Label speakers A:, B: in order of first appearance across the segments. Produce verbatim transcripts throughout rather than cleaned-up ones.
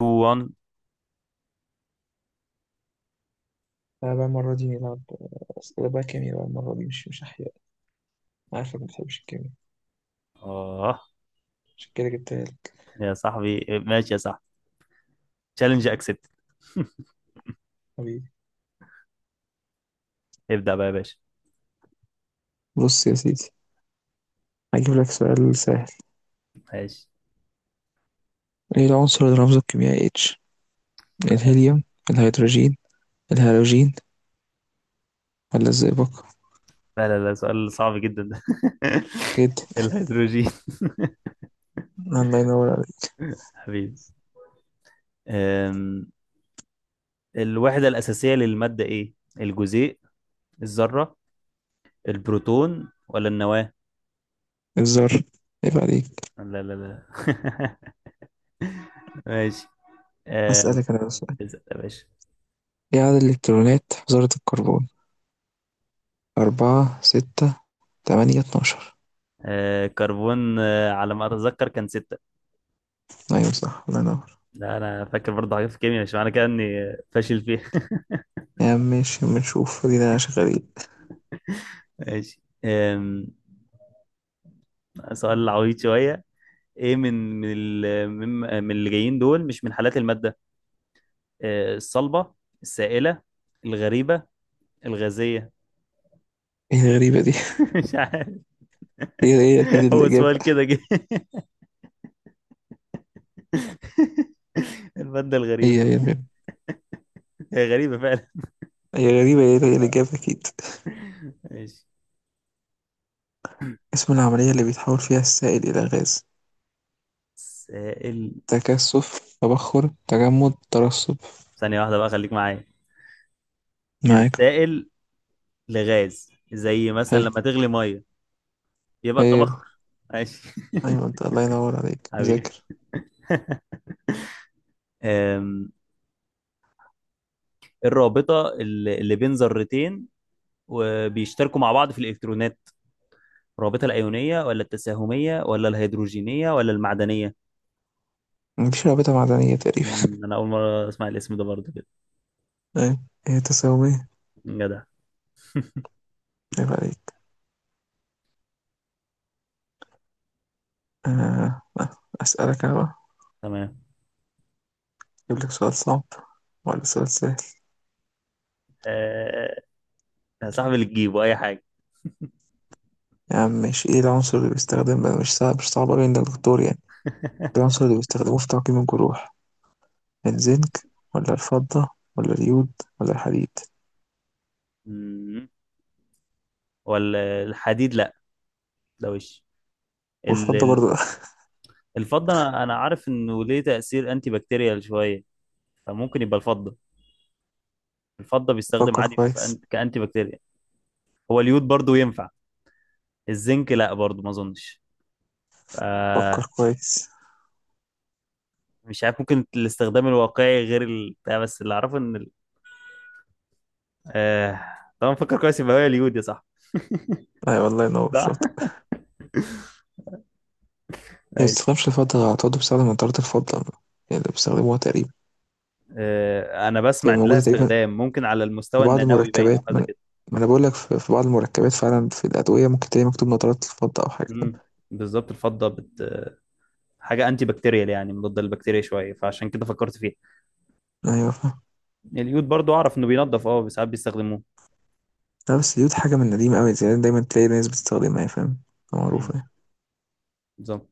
A: اتنين واحد
B: لا بقى المرة دي نلعب أسئلة بقى كيمياء بقى المرة دي مش مش أحياء. أنا عارفك ما بتحبش الكيمياء،
A: اه،
B: عشان كده جبتها لك
A: يا صاحبي ماشي يا صاحبي، تشالنج اكسبت.
B: حبيبي.
A: ابدأ بقى يا باشا.
B: بص يا سيدي، هجيب لك سؤال سهل:
A: ماشي.
B: ايه العنصر اللي رمزه الكيميائي اتش؟
A: لا
B: الهيليوم، الهيدروجين، الهالوجين، ولا الزئبق؟
A: لا لا لا، سؤال صعب جدا ده.
B: جدا.
A: الهيدروجين.
B: الله ينور عليك.
A: حبيبي. أم، الوحدة الأساسية للمادة إيه؟ الجزيء، الذرة، البروتون ولا النواة؟
B: الذر. عيب عليك.
A: لا لا لا. ماشي. أم،
B: هسألك انا بقى سؤال:
A: ستة يا باشا.
B: ايه عدد الالكترونات في ذرة الكربون؟ أربعة، ستة، تمانية، اتناشر؟
A: أه، كربون، أه، على ما أتذكر كان ستة.
B: أيوة صح، الله ينور.
A: لا، أنا فاكر برضه حاجات في الكيمياء، مش معنى كده إني فاشل فيها.
B: يا عم ماشي، بنشوف ادينا شغالين.
A: ماشي. أم، سؤال عويض شوية. ايه من من ال- من من اللي جايين دول مش من حالات المادة؟ أه، الصلبة، السائلة، الغريبة، الغازية.
B: ايه الغريبة دي؟
A: مش عارف،
B: هي هي أكيد
A: هو
B: الإجابة.
A: سؤال كده جه. المادة الغريبة،
B: هي هي الغيب،
A: هي غريبة فعلا.
B: هي غريبة، هي هي الإجابة أكيد.
A: ماشي.
B: اسم العملية اللي بيتحول فيها السائل إلى غاز:
A: سائل،
B: تكثف، تبخر، تجمد، ترسب؟
A: ثانية واحدة بقى خليك معايا. من
B: معاك.
A: السائل لغاز، زي مثلا
B: حلو.
A: لما تغلي مية يبقى
B: حلو.
A: الطبخ. ماشي.
B: أيوة أنت الله ينور عليك
A: حبيبي.
B: مذاكر.
A: أم، الرابطة اللي اللي بين ذرتين وبيشتركوا مع بعض في الإلكترونات، الرابطة الأيونية ولا التساهمية ولا الهيدروجينية ولا المعدنية؟
B: مفيش رابطة معدنية تقريبا.
A: مم، أنا أول مرة أسمع الاسم ده برضه كده.
B: أيوة هي تساومية.
A: جدع.
B: عيب عليك. آه. أسألك أنا بقى:
A: تمام.
B: أجيب لك سؤال صعب ولا سؤال سهل؟
A: آه، يا صاحبي اللي تجيبه أي حاجة.
B: يا عم ماشي، إيه العنصر اللي بيستخدم بقى؟ مش صعب، مش صعب أوي عند الدكتور يعني. العنصر اللي بيستخدموه في تعقيم الجروح: الزنك، ولا الفضة، ولا اليود، ولا الحديد؟
A: مم، ولا الحديد لا. ده وش ال-
B: والفضة
A: ال-
B: برضو.
A: الفضة، أنا أنا عارف إنه ليه تأثير أنتي بكتيريال شوية، فممكن يبقى الفضة. الفضة بيستخدم
B: فكر
A: عادي في
B: كويس.
A: أن- كأنتي بكتيريال. هو اليود برضه ينفع، الزنك لا برضه ما أظنش. آه،
B: فكر كويس.
A: مش عارف، ممكن الاستخدام الواقعي غير ال... بتاع، بس اللي اعرفه ان ال... آه... طبعا فكر كويس، يبقى هي اليود يا صح.
B: أي والله ينور شاطر.
A: صح.
B: هي ما
A: ماشي.
B: بتستخدمش الفضة على طول، بتستخدم منطرة الفضة يعني اللي بيستخدموها تقريبا.
A: آه... انا
B: هي
A: بسمع ان لها
B: موجودة تقريبا
A: استخدام ممكن على
B: في
A: المستوى
B: بعض
A: النانوي باين او
B: المركبات. ما
A: حاجه
B: أنا
A: كده.
B: ما أنا بقول لك في في بعض المركبات فعلا، في الأدوية ممكن تلاقي مكتوب نطرات الفضة أو حاجة، فاهم؟
A: مم. بالظبط، الفضه بت... حاجه انتي بكتيريال يعني مضاده للبكتيريا شويه، فعشان كده فكرت فيها.
B: أيوة فاهم.
A: اليود برضو اعرف انه بينضف، اه ساعات بيستخدموه.
B: لا بس دي حاجة من قديم أوي، زي دايما تلاقي ناس بتستخدمها، فاهم؟ معروفة
A: مم.
B: يعني.
A: بالظبط.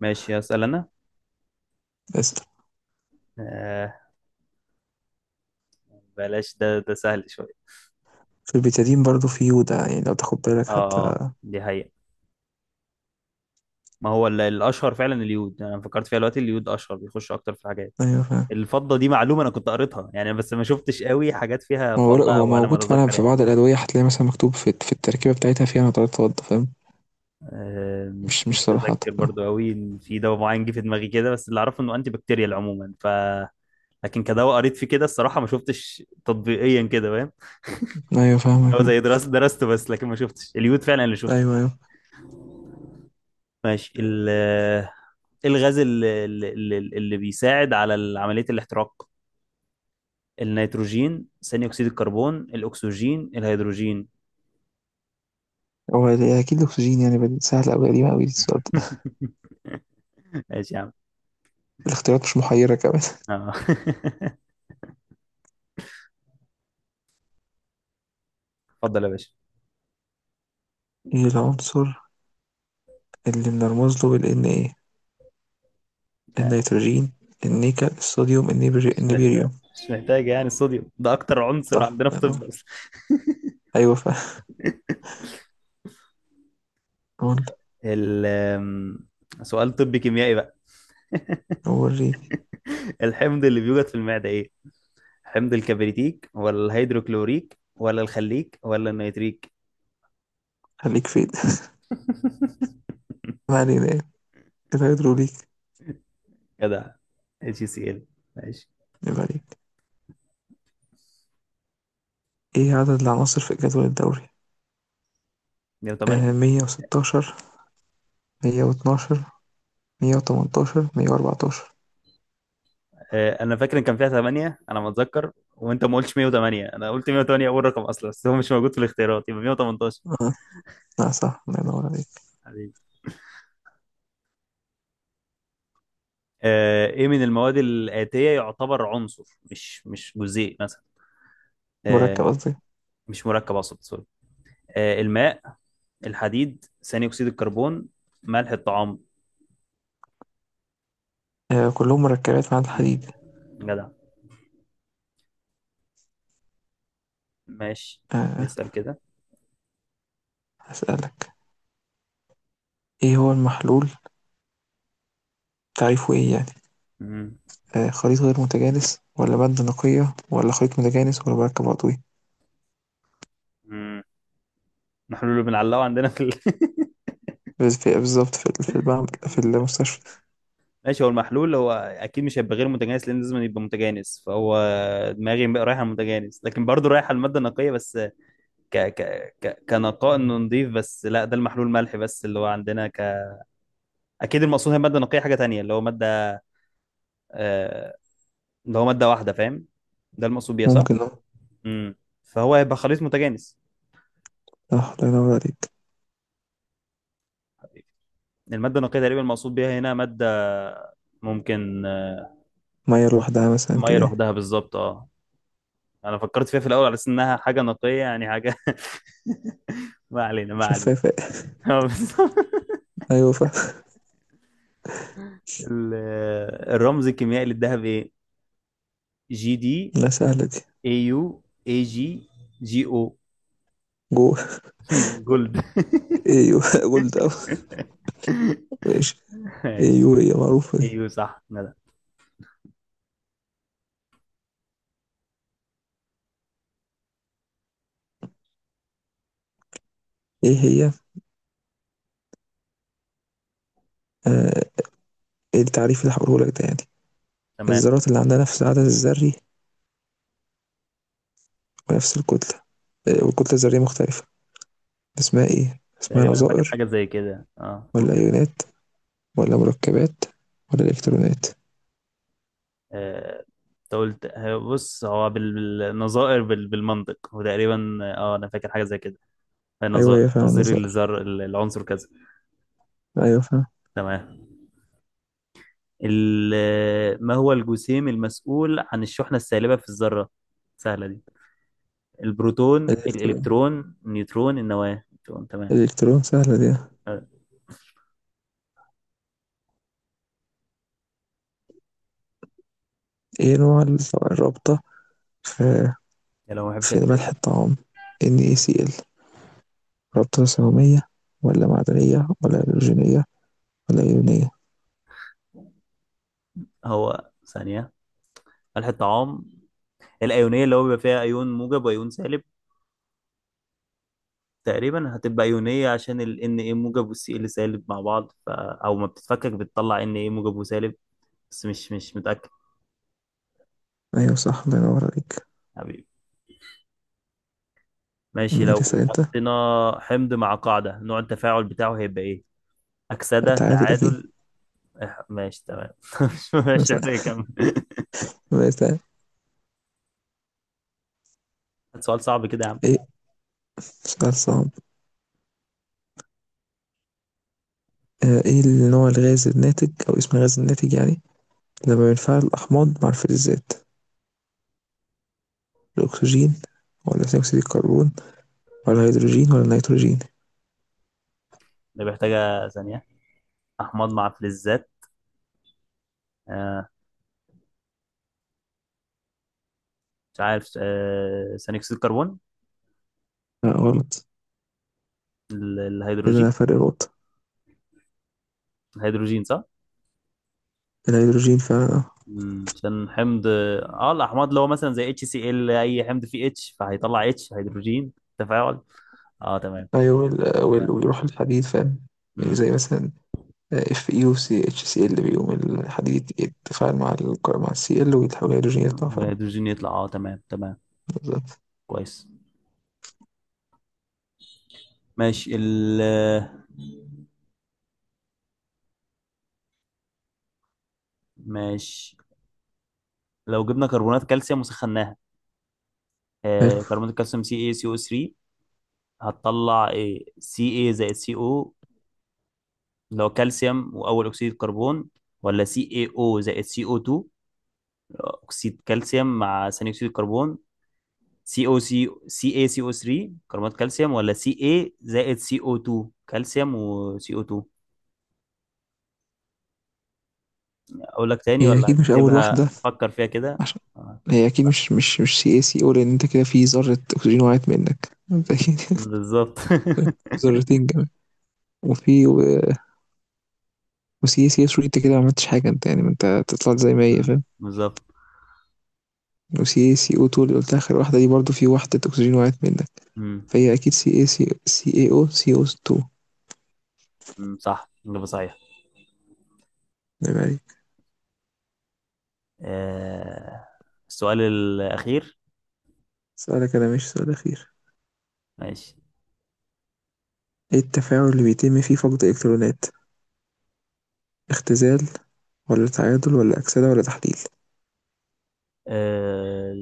A: ماشي هسأل انا.
B: بس
A: آه... بلاش، ده ده سهل شويه.
B: في البيتادين برضو في يودا، يعني لو تاخد بالك
A: اه، آه،
B: حتى.
A: دي حقيقة. ما هو ال- الاشهر فعلا اليود يعني، انا فكرت فيها دلوقتي، اليود اشهر بيخش اكتر في الحاجات.
B: أيوة فاهم.
A: الفضه دي معلومه انا كنت قريتها يعني، بس ما شفتش قوي حاجات فيها
B: ما هو
A: فضه،
B: هو
A: او على ما
B: موجود فعلا
A: اتذكر
B: في
A: يعني.
B: بعض الأدوية، هتلاقي مثلا مكتوب في في التركيبة بتاعتها فيها نطرات فضة، فاهم؟
A: أه مش
B: مش مش صراحة.
A: متذكر برضو قوي ان في دواء معين جه في دماغي كده، بس اللي اعرفه انه انتي بكتيريال عموما ف لكن كدواء قريت فيه كده، الصراحه ما شفتش تطبيقيا كده، فاهم.
B: أيوة
A: هو
B: فاهمك.
A: زي درست درسته بس، لكن ما شفتش اليود فعلا اللي شفت
B: أيوة
A: فيه.
B: أيوة.
A: ماشي ال- آه، الغاز اللي, اللي, اللي بيساعد على عمليه الاحتراق، النيتروجين، ثاني اكسيد الكربون، الاكسجين، الهيدروجين.
B: هو ده أكيد الأكسجين، يعني بديل سهل أوي، قديمة أوي السؤال ده.
A: ماشي يا عم.
B: الاختيارات مش محيرة كمان.
A: آه. اتفضل يا باشا.
B: إيه العنصر اللي بنرمز له بالإن إيه؟
A: لا،
B: النيتروجين، النيكل، الصوديوم، النيبري،
A: مش محتاج
B: النيبيريوم؟
A: مش محتاج يعني، الصوديوم ده اكتر عنصر
B: صح
A: عندنا في
B: الله
A: طب
B: ينور.
A: اصلا.
B: أيوة فاهم. قول.
A: ال آم، سؤال طبي كيميائي بقى.
B: وريني.
A: الحمض اللي بيوجد في المعدة ايه؟ حمض الكبريتيك ولا الهيدروكلوريك ولا الخليك ولا النيتريك؟
B: خليك فين؟ ما علينا يعني. الهيدروليك.
A: كده، اتش سي ال. ماشي.
B: يبقى عليك: إيه عدد العناصر في جدول الدوري؟
A: مية وتمنية.
B: آه مية وستاشر، مية واتناشر، مية وتمنتاشر، مية وأربعتاشر؟
A: آه، انا فاكر ان كان فيها تمنية، انا ما اتذكر وانت ما قلتش مية وتمنية، انا قلت مية وتمنية اول رقم اصلا، بس هو مش موجود في الاختيارات يبقى مية وتمنتاشر.
B: آه. آه، صح الله ينور عليك.
A: حبيبي. آه، ايه من المواد الآتية يعتبر عنصر، مش مش جزيء مثلا؟
B: مركب
A: آه،
B: قصدي.
A: مش مركب اقصد، سوري. آه، الماء، الحديد، ثاني اكسيد الكربون، ملح الطعام.
B: آه كلهم مركبات مع
A: مم.
B: الحديد.
A: جدع. ماشي،
B: آه.
A: اسأل كده.
B: هسألك: إيه هو المحلول، تعريفه إيه يعني؟
A: مم.
B: آه، خليط غير متجانس، ولا مادة نقية، ولا خليط متجانس، ولا مركب عضوي؟
A: مم. نحن اللي بنعلقه عندنا في ال...
B: بس في بالظبط، في في البعم في المستشفى.
A: ماشي. هو المحلول هو اكيد مش هيبقى غير متجانس، لان لازم يبقى متجانس، فهو دماغي بقى رايحه على المتجانس، لكن برضه رايحه على الماده النقيه بس. ك ك ك كنقاء، انه نضيف بس، لا ده المحلول ملح بس اللي هو عندنا. ك اكيد المقصود هي ماده نقيه، حاجه تانية اللي هو ماده، آه اللي هو ماده واحده فاهم، ده المقصود بيها صح؟
B: ممكن اه.
A: امم فهو هيبقى خليط متجانس.
B: صح الله ينور عليك.
A: الماده النقيه تقريبا المقصود بيها هنا ماده ممكن. آه،
B: مية لوحدها مثلا
A: ميه
B: كده.
A: لوحدها، بالظبط اه. انا فكرت فيها في الاول على اساس انها حاجه نقيه يعني حاجه. ما علينا ما علينا.
B: شفافة.
A: اه، بالظبط.
B: أيوة فا.
A: ال- الرمز الكيميائي للذهب ايه؟ جي دي،
B: لا سهلة دي.
A: اي يو، اي جي، جي او.
B: جو.
A: جولد.
B: أيوة جولد أوي. ماشي.
A: ماشي.
B: أيوة هي معروفة دي.
A: ايوه صح ندى.
B: إيه هي؟ آه. إيه التعريف اللي هقوله لك ده يعني:
A: تمام.
B: الذرات اللي عندها نفس العدد الذري بنفس الكتلة، آه، والكتلة الذرية مختلفة، اسمها ايه؟ اسمها
A: تقريبا انا فاكر
B: نظائر،
A: حاجه زي كده، اه قول
B: ولا
A: كده.
B: أيونات، ولا مركبات، ولا إلكترونات؟
A: آه، انت قلت، آه، بص هو بال- بالنظائر، بال- بالمنطق وتقريبا، اه انا فاكر حاجه زي كده. آه،
B: أيوه هي
A: نظائر،
B: فعلا
A: نظير
B: نظائر.
A: الذر العنصر كذا.
B: أيوه فعلا.
A: تمام. ال- ما هو الجسيم المسؤول عن الشحنة السالبة في الذرة؟ سهلة دي. البروتون،
B: الإلكترون.
A: الإلكترون، النيوترون، النواة، النيوترون. تمام.
B: الإلكترون سهلة دي.
A: أه،
B: ايه نوع الرابطة في
A: يا لو ما بحبش
B: في
A: الأسئلة
B: ملح
A: دي.
B: الطعام؟ NaCl: رابطة ثانوية، ولا معدنية، ولا هيدروجينية، ولا إيونية؟
A: هو ثانية، الحطام، الأيونية اللي هو بيبقى فيها أيون موجب وأيون سالب. تقريبا هتبقى أيونية، عشان ال ان ايه موجب وال سي ال سالب مع بعض، ف... أو ما بتتفكك بتطلع ان ايه موجب وسالب، بس مش مش متأكد.
B: أيوه صح الله ينور عليك.
A: حبيبي. ماشي،
B: ماشي اسأل
A: لو
B: أنت.
A: حطينا حمض مع قاعدة، نوع التفاعل بتاعه هيبقى ايه؟ أكسدة،
B: تعادل أكيد.
A: تعادل. إح- ماشي تمام. مش مش
B: مثلا.
A: محتاج اكمل.
B: مثلا.
A: سؤال صعب كده يا عم.
B: إيه؟ سؤال صعب. آآ إيه النوع الغاز الناتج، أو اسم الغاز الناتج يعني، لما بينفعل الأحماض مع الفلزات: الأكسجين، والّا ثاني أكسيد الكربون، والّا الهيدروجين، والّا النيتروجين؟
A: ده محتاجة ثانية، أحماض مع فلزات. آه مش عارف، آه ثاني أكسيد الكربون،
B: لأ غلط.
A: ال-
B: كده أنا
A: الهيدروجين.
B: فرق نقطة.
A: الهيدروجين صح؟
B: الهيدروجين فعلًا، آه.
A: مم، عشان حمض، اه الأحماض اللي هو مثلا زي اتش سي ال، أي حمض فيه اتش فهيطلع اتش هيدروجين تفاعل. اه، تمام
B: أيوه، وال وال
A: تمام.
B: ويروح للحديد، فاهم؟ يعني
A: امم
B: زي مثلًا FeOCHCl، بيقوم الحديد يتفاعل مع الك، مع الCl، ويتحول هيدروجين يطلع فعلًا.
A: والهيدروجين يطلع، اه تمام تمام.
B: بالضبط.
A: كويس. ماشي ال ماشي، لو جبنا كربونات كالسيوم وسخناها،
B: حلو.
A: آه، كربونات الكالسيوم سي اي سي او تلاتة، هتطلع ايه؟ سي اي زائد سي او، اللي هو كالسيوم واول اكسيد الكربون، ولا سي اي او زائد سي او اتنين، اكسيد كالسيوم مع ثاني اكسيد الكربون؟ سي او سي، سي اي سي او تلاتة كربونات كالسيوم، ولا سي اي زائد سي او اتنين كالسيوم وسي او اتنين؟ اقول لك تاني
B: هي
A: ولا
B: أكيد مش أول
A: هتكتبها؟
B: واحدة،
A: فكر فيها كده.
B: عشان
A: آه،
B: هي أكيد
A: صح.
B: مش مش مش CaCO، لأن أنت كده في ذرة أكسجين وقعت منك مبدئيًا.
A: بالظبط.
B: ذرتين كمان. وفي و- وسي سي اس انت كده ما عملتش حاجة انت، يعني ما انت طلعت زي ما هي،
A: مم،
B: فاهم؟
A: بالظبط.
B: وسي سي او اتنين اللي قلت اخر واحدة دي برضو في وحدة اكسجين وقعت منك.
A: مم،
B: فهي اكيد سي اي سي، سي اي او، سي إيه او اتنين.
A: مم، صح، إجابة صحيحة.
B: نعم عليك.
A: آه، السؤال الأخير.
B: سؤالك انا مش سؤال اخير.
A: ماشي.
B: ايه التفاعل اللي بيتم فيه فقد الكترونات: اختزال، ولا تعادل، ولا اكسدة، ولا تحليل؟
A: آه،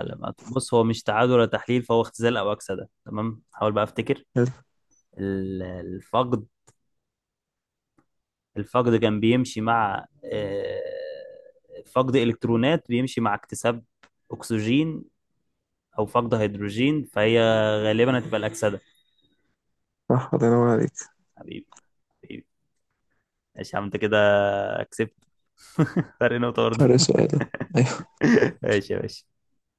A: العلامات بص، هو مش تعادل ولا تحليل، فهو اختزال او اكسده. تمام، حاول بقى افتكر.
B: حلو.
A: ال- الفقد، الفقد كان بيمشي مع، آه، فقد الكترونات بيمشي مع اكتساب اكسجين او فقد هيدروجين، فهي غالبا هتبقى الاكسده.
B: صح الله ينور عليك.
A: حبيبي حبيبي. ماشي يا عم، انت كده كسبت. فرق نقطه برضه.
B: فرق سؤالك.
A: ماشي يا باشا.